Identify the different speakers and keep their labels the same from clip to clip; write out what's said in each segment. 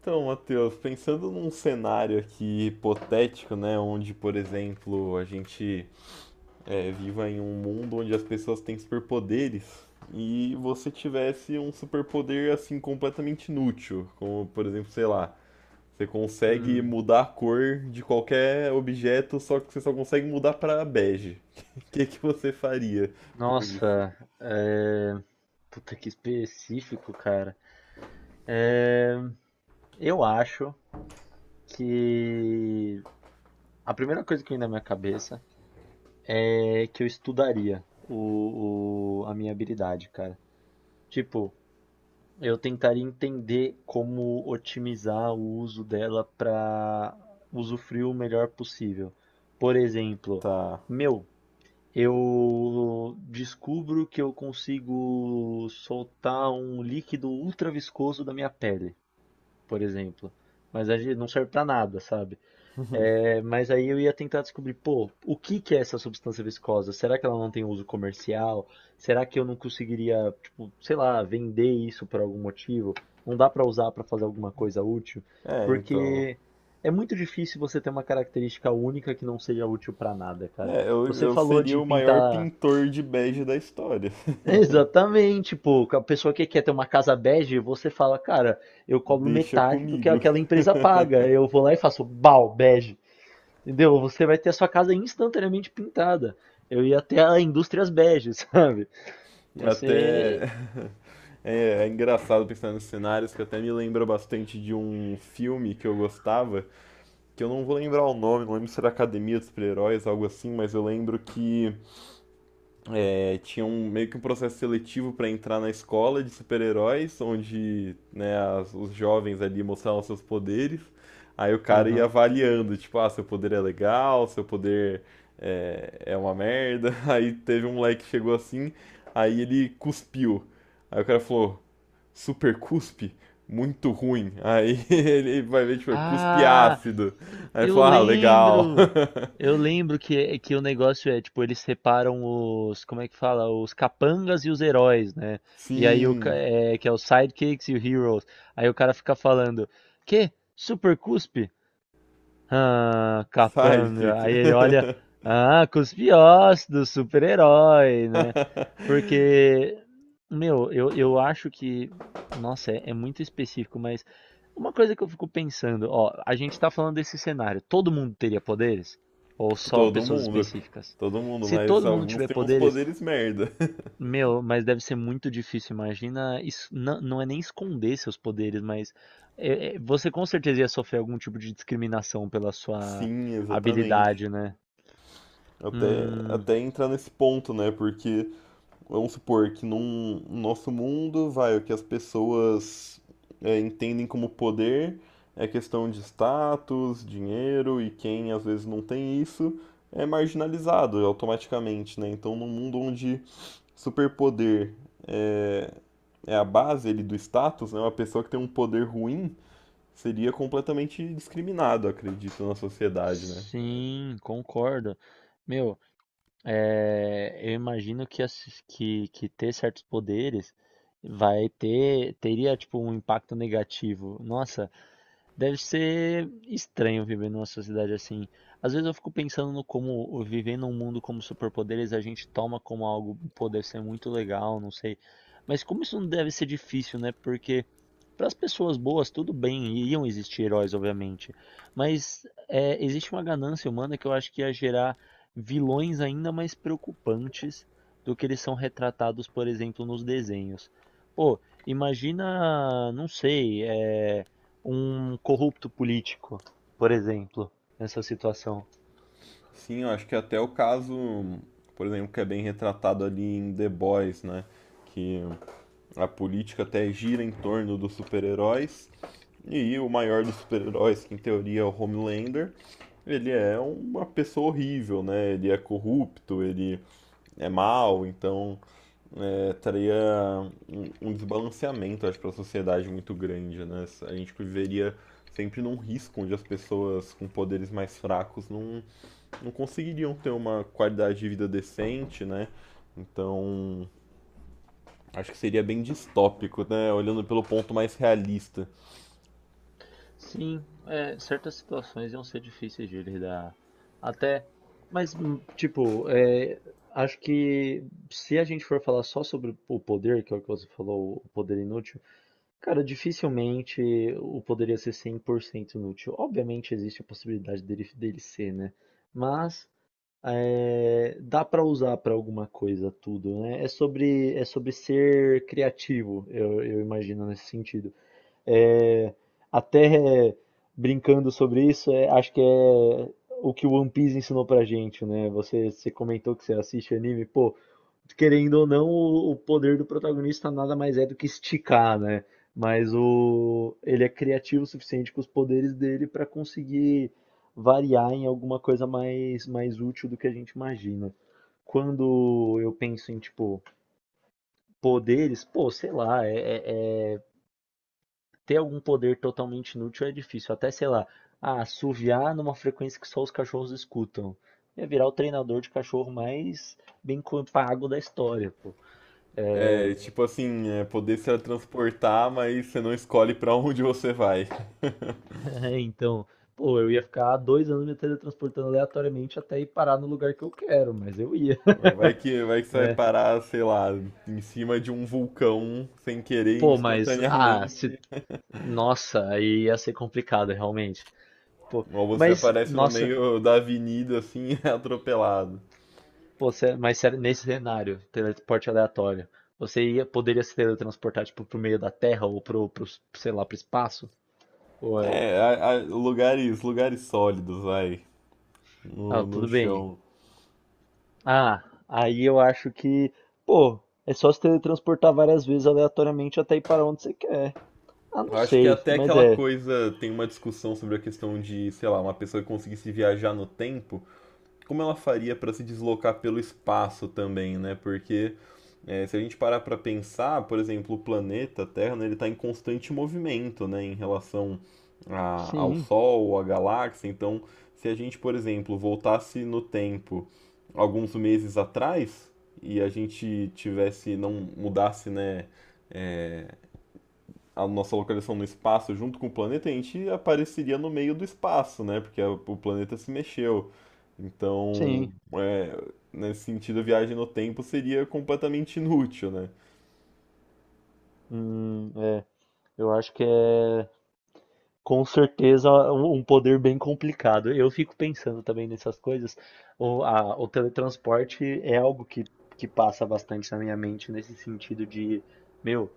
Speaker 1: Então, Matheus, pensando num cenário aqui hipotético, né, onde, por exemplo, a gente viva em um mundo onde as pessoas têm superpoderes e você tivesse um superpoder assim completamente inútil, como, por exemplo, sei lá, você consegue
Speaker 2: Hum,
Speaker 1: mudar a cor de qualquer objeto, só que você só consegue mudar para bege. O que que você faria com isso?
Speaker 2: nossa, é... Puta que específico, cara. É, eu acho que a primeira coisa que vem na minha cabeça é que eu estudaria a minha habilidade, cara. Tipo, eu tentaria entender como otimizar o uso dela para usufruir o melhor possível. Por exemplo,
Speaker 1: Tá.
Speaker 2: meu, eu descubro que eu consigo soltar um líquido ultra viscoso da minha pele, por exemplo. Mas aí não serve pra nada, sabe? Mas aí eu ia tentar descobrir, pô, o que que é essa substância viscosa? Será que ela não tem uso comercial? Será que eu não conseguiria, tipo, sei lá, vender isso por algum motivo? Não dá pra usar pra fazer alguma coisa útil?
Speaker 1: É, então.
Speaker 2: Porque é muito difícil você ter uma característica única que não seja útil pra nada, cara.
Speaker 1: É, eu,
Speaker 2: Você
Speaker 1: eu
Speaker 2: falou
Speaker 1: seria
Speaker 2: de
Speaker 1: o maior
Speaker 2: pintar.
Speaker 1: pintor de bege da história.
Speaker 2: Exatamente, pô. A pessoa que quer ter uma casa bege, você fala, cara, eu cobro
Speaker 1: Deixa
Speaker 2: metade do que
Speaker 1: comigo.
Speaker 2: aquela empresa paga. Eu vou lá e faço bege. Entendeu? Você vai ter a sua casa instantaneamente pintada. Eu ia até a Indústrias Bege, sabe? Ia ser.
Speaker 1: Até. É, é engraçado pensar nos cenários, que até me lembra bastante de um filme que eu gostava, que eu não vou lembrar o nome, não lembro se era Academia dos Super-Heróis, algo assim, mas eu lembro que tinha um, meio que um processo seletivo para entrar na escola de super-heróis, onde né, os jovens ali mostravam seus poderes. Aí o cara ia
Speaker 2: Aham.
Speaker 1: avaliando, tipo, ah, seu poder é legal, seu poder é uma merda. Aí teve um moleque que chegou assim, aí ele cuspiu. Aí o cara falou, super cuspe? Muito ruim. Aí ele vai ver, tipo, cuspe
Speaker 2: Ah,
Speaker 1: ácido. Aí ele
Speaker 2: Eu
Speaker 1: falou, ah, legal.
Speaker 2: lembro! Eu lembro que o negócio é, tipo, eles separam os, como é que fala? Os capangas e os heróis, né? E aí
Speaker 1: Sim,
Speaker 2: que é os sidekicks e os heroes. Aí o cara fica falando, que? Super Cuspe? Ah,
Speaker 1: sai,
Speaker 2: capanga.
Speaker 1: Kika.
Speaker 2: Aí ele olha, ah, cuspe ossos do super-herói, né? Porque, Meu, eu acho que, nossa, é muito específico, mas uma coisa que eu fico pensando, ó, a gente tá falando desse cenário, todo mundo teria poderes? Ou só
Speaker 1: Todo
Speaker 2: pessoas
Speaker 1: mundo.
Speaker 2: específicas?
Speaker 1: Todo mundo,
Speaker 2: Se
Speaker 1: mas
Speaker 2: todo mundo
Speaker 1: alguns
Speaker 2: tiver
Speaker 1: têm uns
Speaker 2: poderes,
Speaker 1: poderes merda.
Speaker 2: meu, mas deve ser muito difícil. Imagina, isso, não, não é nem esconder seus poderes, mas você com certeza ia sofrer algum tipo de discriminação pela sua
Speaker 1: Sim, exatamente.
Speaker 2: habilidade, né?
Speaker 1: Até,
Speaker 2: Hum,
Speaker 1: até entrar nesse ponto, né? Porque, vamos supor que num no nosso mundo, vai, o que as pessoas entendem como poder é questão de status, dinheiro, e quem às vezes não tem isso é marginalizado automaticamente, né? Então, num mundo onde Superpoder é, é a base ele do status, né? Uma pessoa que tem um poder ruim seria completamente discriminado, acredito, na sociedade, né?
Speaker 2: sim, concordo. Meu, eu imagino que ter certos poderes teria tipo um impacto negativo. Nossa, deve ser estranho viver numa sociedade assim. Às vezes eu fico pensando no como viver num mundo como superpoderes a gente toma como algo, pô, deve ser muito legal, não sei. Mas como isso não deve ser difícil, né? Porque para as pessoas boas, tudo bem, iriam existir heróis, obviamente. Mas é, existe uma ganância humana que eu acho que ia gerar vilões ainda mais preocupantes do que eles são retratados, por exemplo, nos desenhos. Pô, imagina, não sei, é um corrupto político, por exemplo, nessa situação.
Speaker 1: Sim, eu acho que até o caso, por exemplo, que é bem retratado ali em The Boys, né? Que a política até gira em torno dos super-heróis. E o maior dos super-heróis, que em teoria é o Homelander, ele é uma pessoa horrível, né? Ele é corrupto, ele é mau, então traria um desbalanceamento, acho, para a sociedade muito grande, né? A gente viveria sempre num risco onde as pessoas com poderes mais fracos não conseguiriam ter uma qualidade de vida decente, né? Então, acho que seria bem distópico, né? Olhando pelo ponto mais realista.
Speaker 2: Sim, é, certas situações iam ser difíceis de lidar. Até, mas, tipo, acho que se a gente for falar só sobre o poder, que é o que você falou, o poder inútil, cara, dificilmente o poder ia ser 100% inútil. Obviamente existe a possibilidade dele ser, né? Mas é, dá para usar para alguma coisa tudo, né? É sobre ser criativo, eu imagino nesse sentido. É, até brincando sobre isso, é, acho que é o que o One Piece ensinou pra gente, né? Você comentou que você assiste anime, pô, querendo ou não, o poder do protagonista nada mais é do que esticar, né? Mas ele é criativo o suficiente com os poderes dele pra conseguir variar em alguma coisa mais útil do que a gente imagina. Quando eu penso em, tipo, poderes, pô, sei lá, é ter algum poder totalmente inútil é difícil. Até, sei lá, ah, assoviar numa frequência que só os cachorros escutam. Ia virar o treinador de cachorro mais pago da história, pô.
Speaker 1: É, tipo assim, é poder se transportar, mas você não escolhe para onde você vai.
Speaker 2: É, então, pô, eu ia ficar 2 anos me teletransportando aleatoriamente até ir parar no lugar que eu quero, mas eu ia,
Speaker 1: Vai que você vai
Speaker 2: né?
Speaker 1: parar, sei lá, em cima de um vulcão sem querer
Speaker 2: Pô, mas, ah, se...
Speaker 1: instantaneamente.
Speaker 2: Nossa, aí ia ser complicado, realmente. Pô,
Speaker 1: Ou você
Speaker 2: mas,
Speaker 1: aparece no
Speaker 2: nossa,
Speaker 1: meio da avenida assim, atropelado.
Speaker 2: pô, mas sério, nesse cenário, teleporte aleatório, poderia se teletransportar tipo pro meio da Terra ou pro, sei lá, pro espaço? Ou é...
Speaker 1: É, lugares, lugares sólidos, vai,
Speaker 2: Ah,
Speaker 1: no
Speaker 2: tudo bem.
Speaker 1: chão.
Speaker 2: Ah, aí eu acho que, pô, é só se teletransportar várias vezes aleatoriamente até ir para onde você quer. Ah, não
Speaker 1: Eu acho que
Speaker 2: sei,
Speaker 1: até
Speaker 2: mas
Speaker 1: aquela
Speaker 2: é.
Speaker 1: coisa, tem uma discussão sobre a questão de, sei lá, uma pessoa que conseguisse viajar no tempo, como ela faria para se deslocar pelo espaço também, né? Porque se a gente parar para pensar, por exemplo, o planeta Terra, né, ele está em constante movimento, né, em relação ao
Speaker 2: Sim,
Speaker 1: Sol, à galáxia. Então, se a gente, por exemplo, voltasse no tempo alguns meses atrás e a gente tivesse, não mudasse, né, a nossa localização no espaço junto com o planeta, a gente apareceria no meio do espaço, né? Porque o planeta se mexeu. Então,
Speaker 2: sim.
Speaker 1: é, nesse sentido, a viagem no tempo seria completamente inútil, né?
Speaker 2: É. Eu acho que é. Com certeza um poder bem complicado. Eu fico pensando também nessas coisas. O teletransporte é algo que passa bastante na minha mente nesse sentido de, meu,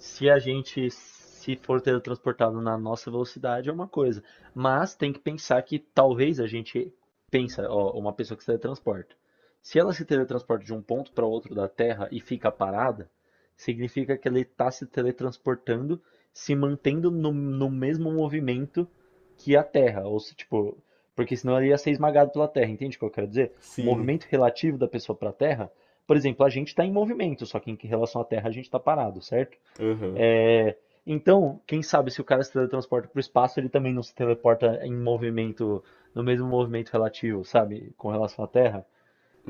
Speaker 2: se a gente se for teletransportado na nossa velocidade é uma coisa, mas tem que pensar que talvez a gente pensa, ó, uma pessoa que se teletransporta. Se ela se teletransporta de um ponto para outro da Terra e fica parada, significa que ela está se teletransportando, se mantendo no mesmo movimento que a Terra, ou se tipo, porque senão ela ia ser esmagada pela Terra, entende o que eu quero dizer? O
Speaker 1: Sim,
Speaker 2: movimento relativo da pessoa para a Terra, por exemplo, a gente está em movimento, só que em relação à Terra a gente está parado, certo?
Speaker 1: aham,
Speaker 2: É, então, quem sabe se o cara se teletransporta para o espaço, ele também não se teleporta em movimento, no mesmo movimento relativo, sabe? Com relação à Terra.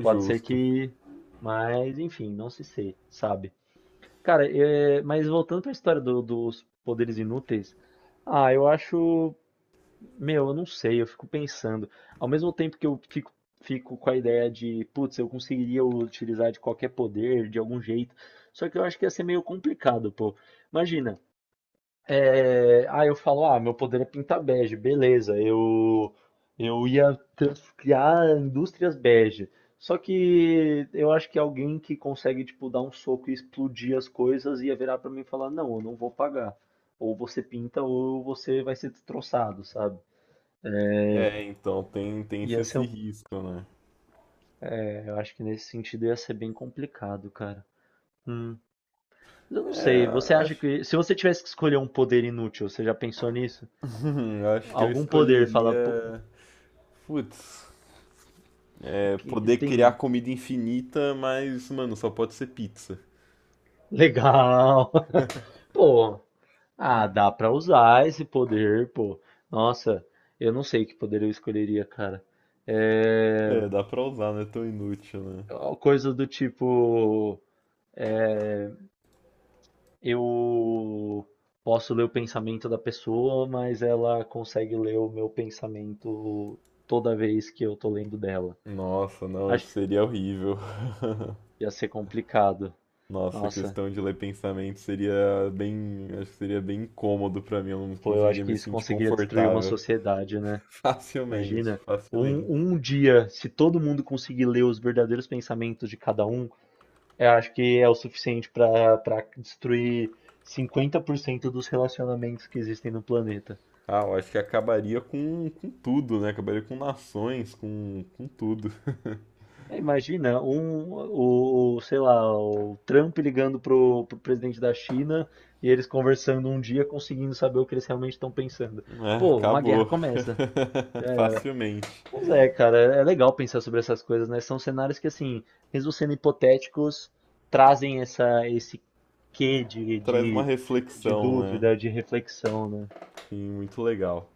Speaker 2: Pode ser que. Mas, enfim, não se sei, sabe? Cara, é, mas voltando para a história dos poderes inúteis, ah, eu acho. Meu, eu não sei, eu fico pensando. Ao mesmo tempo que fico com a ideia de, putz, eu conseguiria utilizar de qualquer poder, de algum jeito. Só que eu acho que ia ser meio complicado, pô. Imagina. É, aí eu falo, ah, meu poder é pintar bege, beleza, eu ia criar indústrias bege. Só que eu acho que alguém que consegue, tipo, dar um soco e explodir as coisas ia virar pra mim e falar, não, eu não vou pagar. Ou você pinta ou você vai ser destroçado, sabe?
Speaker 1: É, então tem, tem esse,
Speaker 2: Ia ser
Speaker 1: esse
Speaker 2: um...
Speaker 1: risco, né?
Speaker 2: é, eu acho que nesse sentido ia ser bem complicado, cara. Hum. Eu não sei, você
Speaker 1: É,
Speaker 2: acha
Speaker 1: acho,
Speaker 2: que... Se você tivesse que escolher um poder inútil, você já pensou nisso?
Speaker 1: acho que eu
Speaker 2: Algum poder, fala... "Pô,
Speaker 1: escolheria. Putz,
Speaker 2: é
Speaker 1: é,
Speaker 2: que
Speaker 1: poder
Speaker 2: tem
Speaker 1: criar comida infinita, mas, mano, só pode ser pizza.
Speaker 2: legal." Pô, ah, dá pra usar esse poder, pô. Nossa, eu não sei que poder eu escolheria, cara. É...
Speaker 1: É, dá pra usar, não é tão inútil, né?
Speaker 2: Coisa do tipo, eu posso ler o pensamento da pessoa, mas ela consegue ler o meu pensamento toda vez que eu tô lendo dela.
Speaker 1: Nossa, não,
Speaker 2: Acho
Speaker 1: isso
Speaker 2: que
Speaker 1: seria horrível.
Speaker 2: ia ser complicado.
Speaker 1: Nossa, a
Speaker 2: Nossa,
Speaker 1: questão de ler pensamento seria bem, acho que seria bem incômodo pra mim, eu não
Speaker 2: pô, eu acho
Speaker 1: conseguiria
Speaker 2: que
Speaker 1: me
Speaker 2: isso
Speaker 1: sentir
Speaker 2: conseguiria destruir uma
Speaker 1: confortável.
Speaker 2: sociedade, né?
Speaker 1: Facilmente,
Speaker 2: Imagina, um,
Speaker 1: facilmente.
Speaker 2: um dia, se todo mundo conseguir ler os verdadeiros pensamentos de cada um, eu acho que é o suficiente para para destruir 50% dos relacionamentos que existem no planeta.
Speaker 1: Ah, eu acho que acabaria com tudo, né? Acabaria com nações, com tudo.
Speaker 2: É, imagina, um, sei lá, o Trump ligando pro presidente da China e eles conversando um dia, conseguindo saber o que eles realmente estão pensando.
Speaker 1: É,
Speaker 2: Pô, uma guerra
Speaker 1: acabou.
Speaker 2: começa. Já era.
Speaker 1: Facilmente.
Speaker 2: Mas é, cara, é legal pensar sobre essas coisas, né? São cenários que, assim, mesmo sendo hipotéticos, trazem essa, esse quê
Speaker 1: Traz uma
Speaker 2: de
Speaker 1: reflexão, né?
Speaker 2: dúvida, de reflexão, né?
Speaker 1: Sim, muito legal.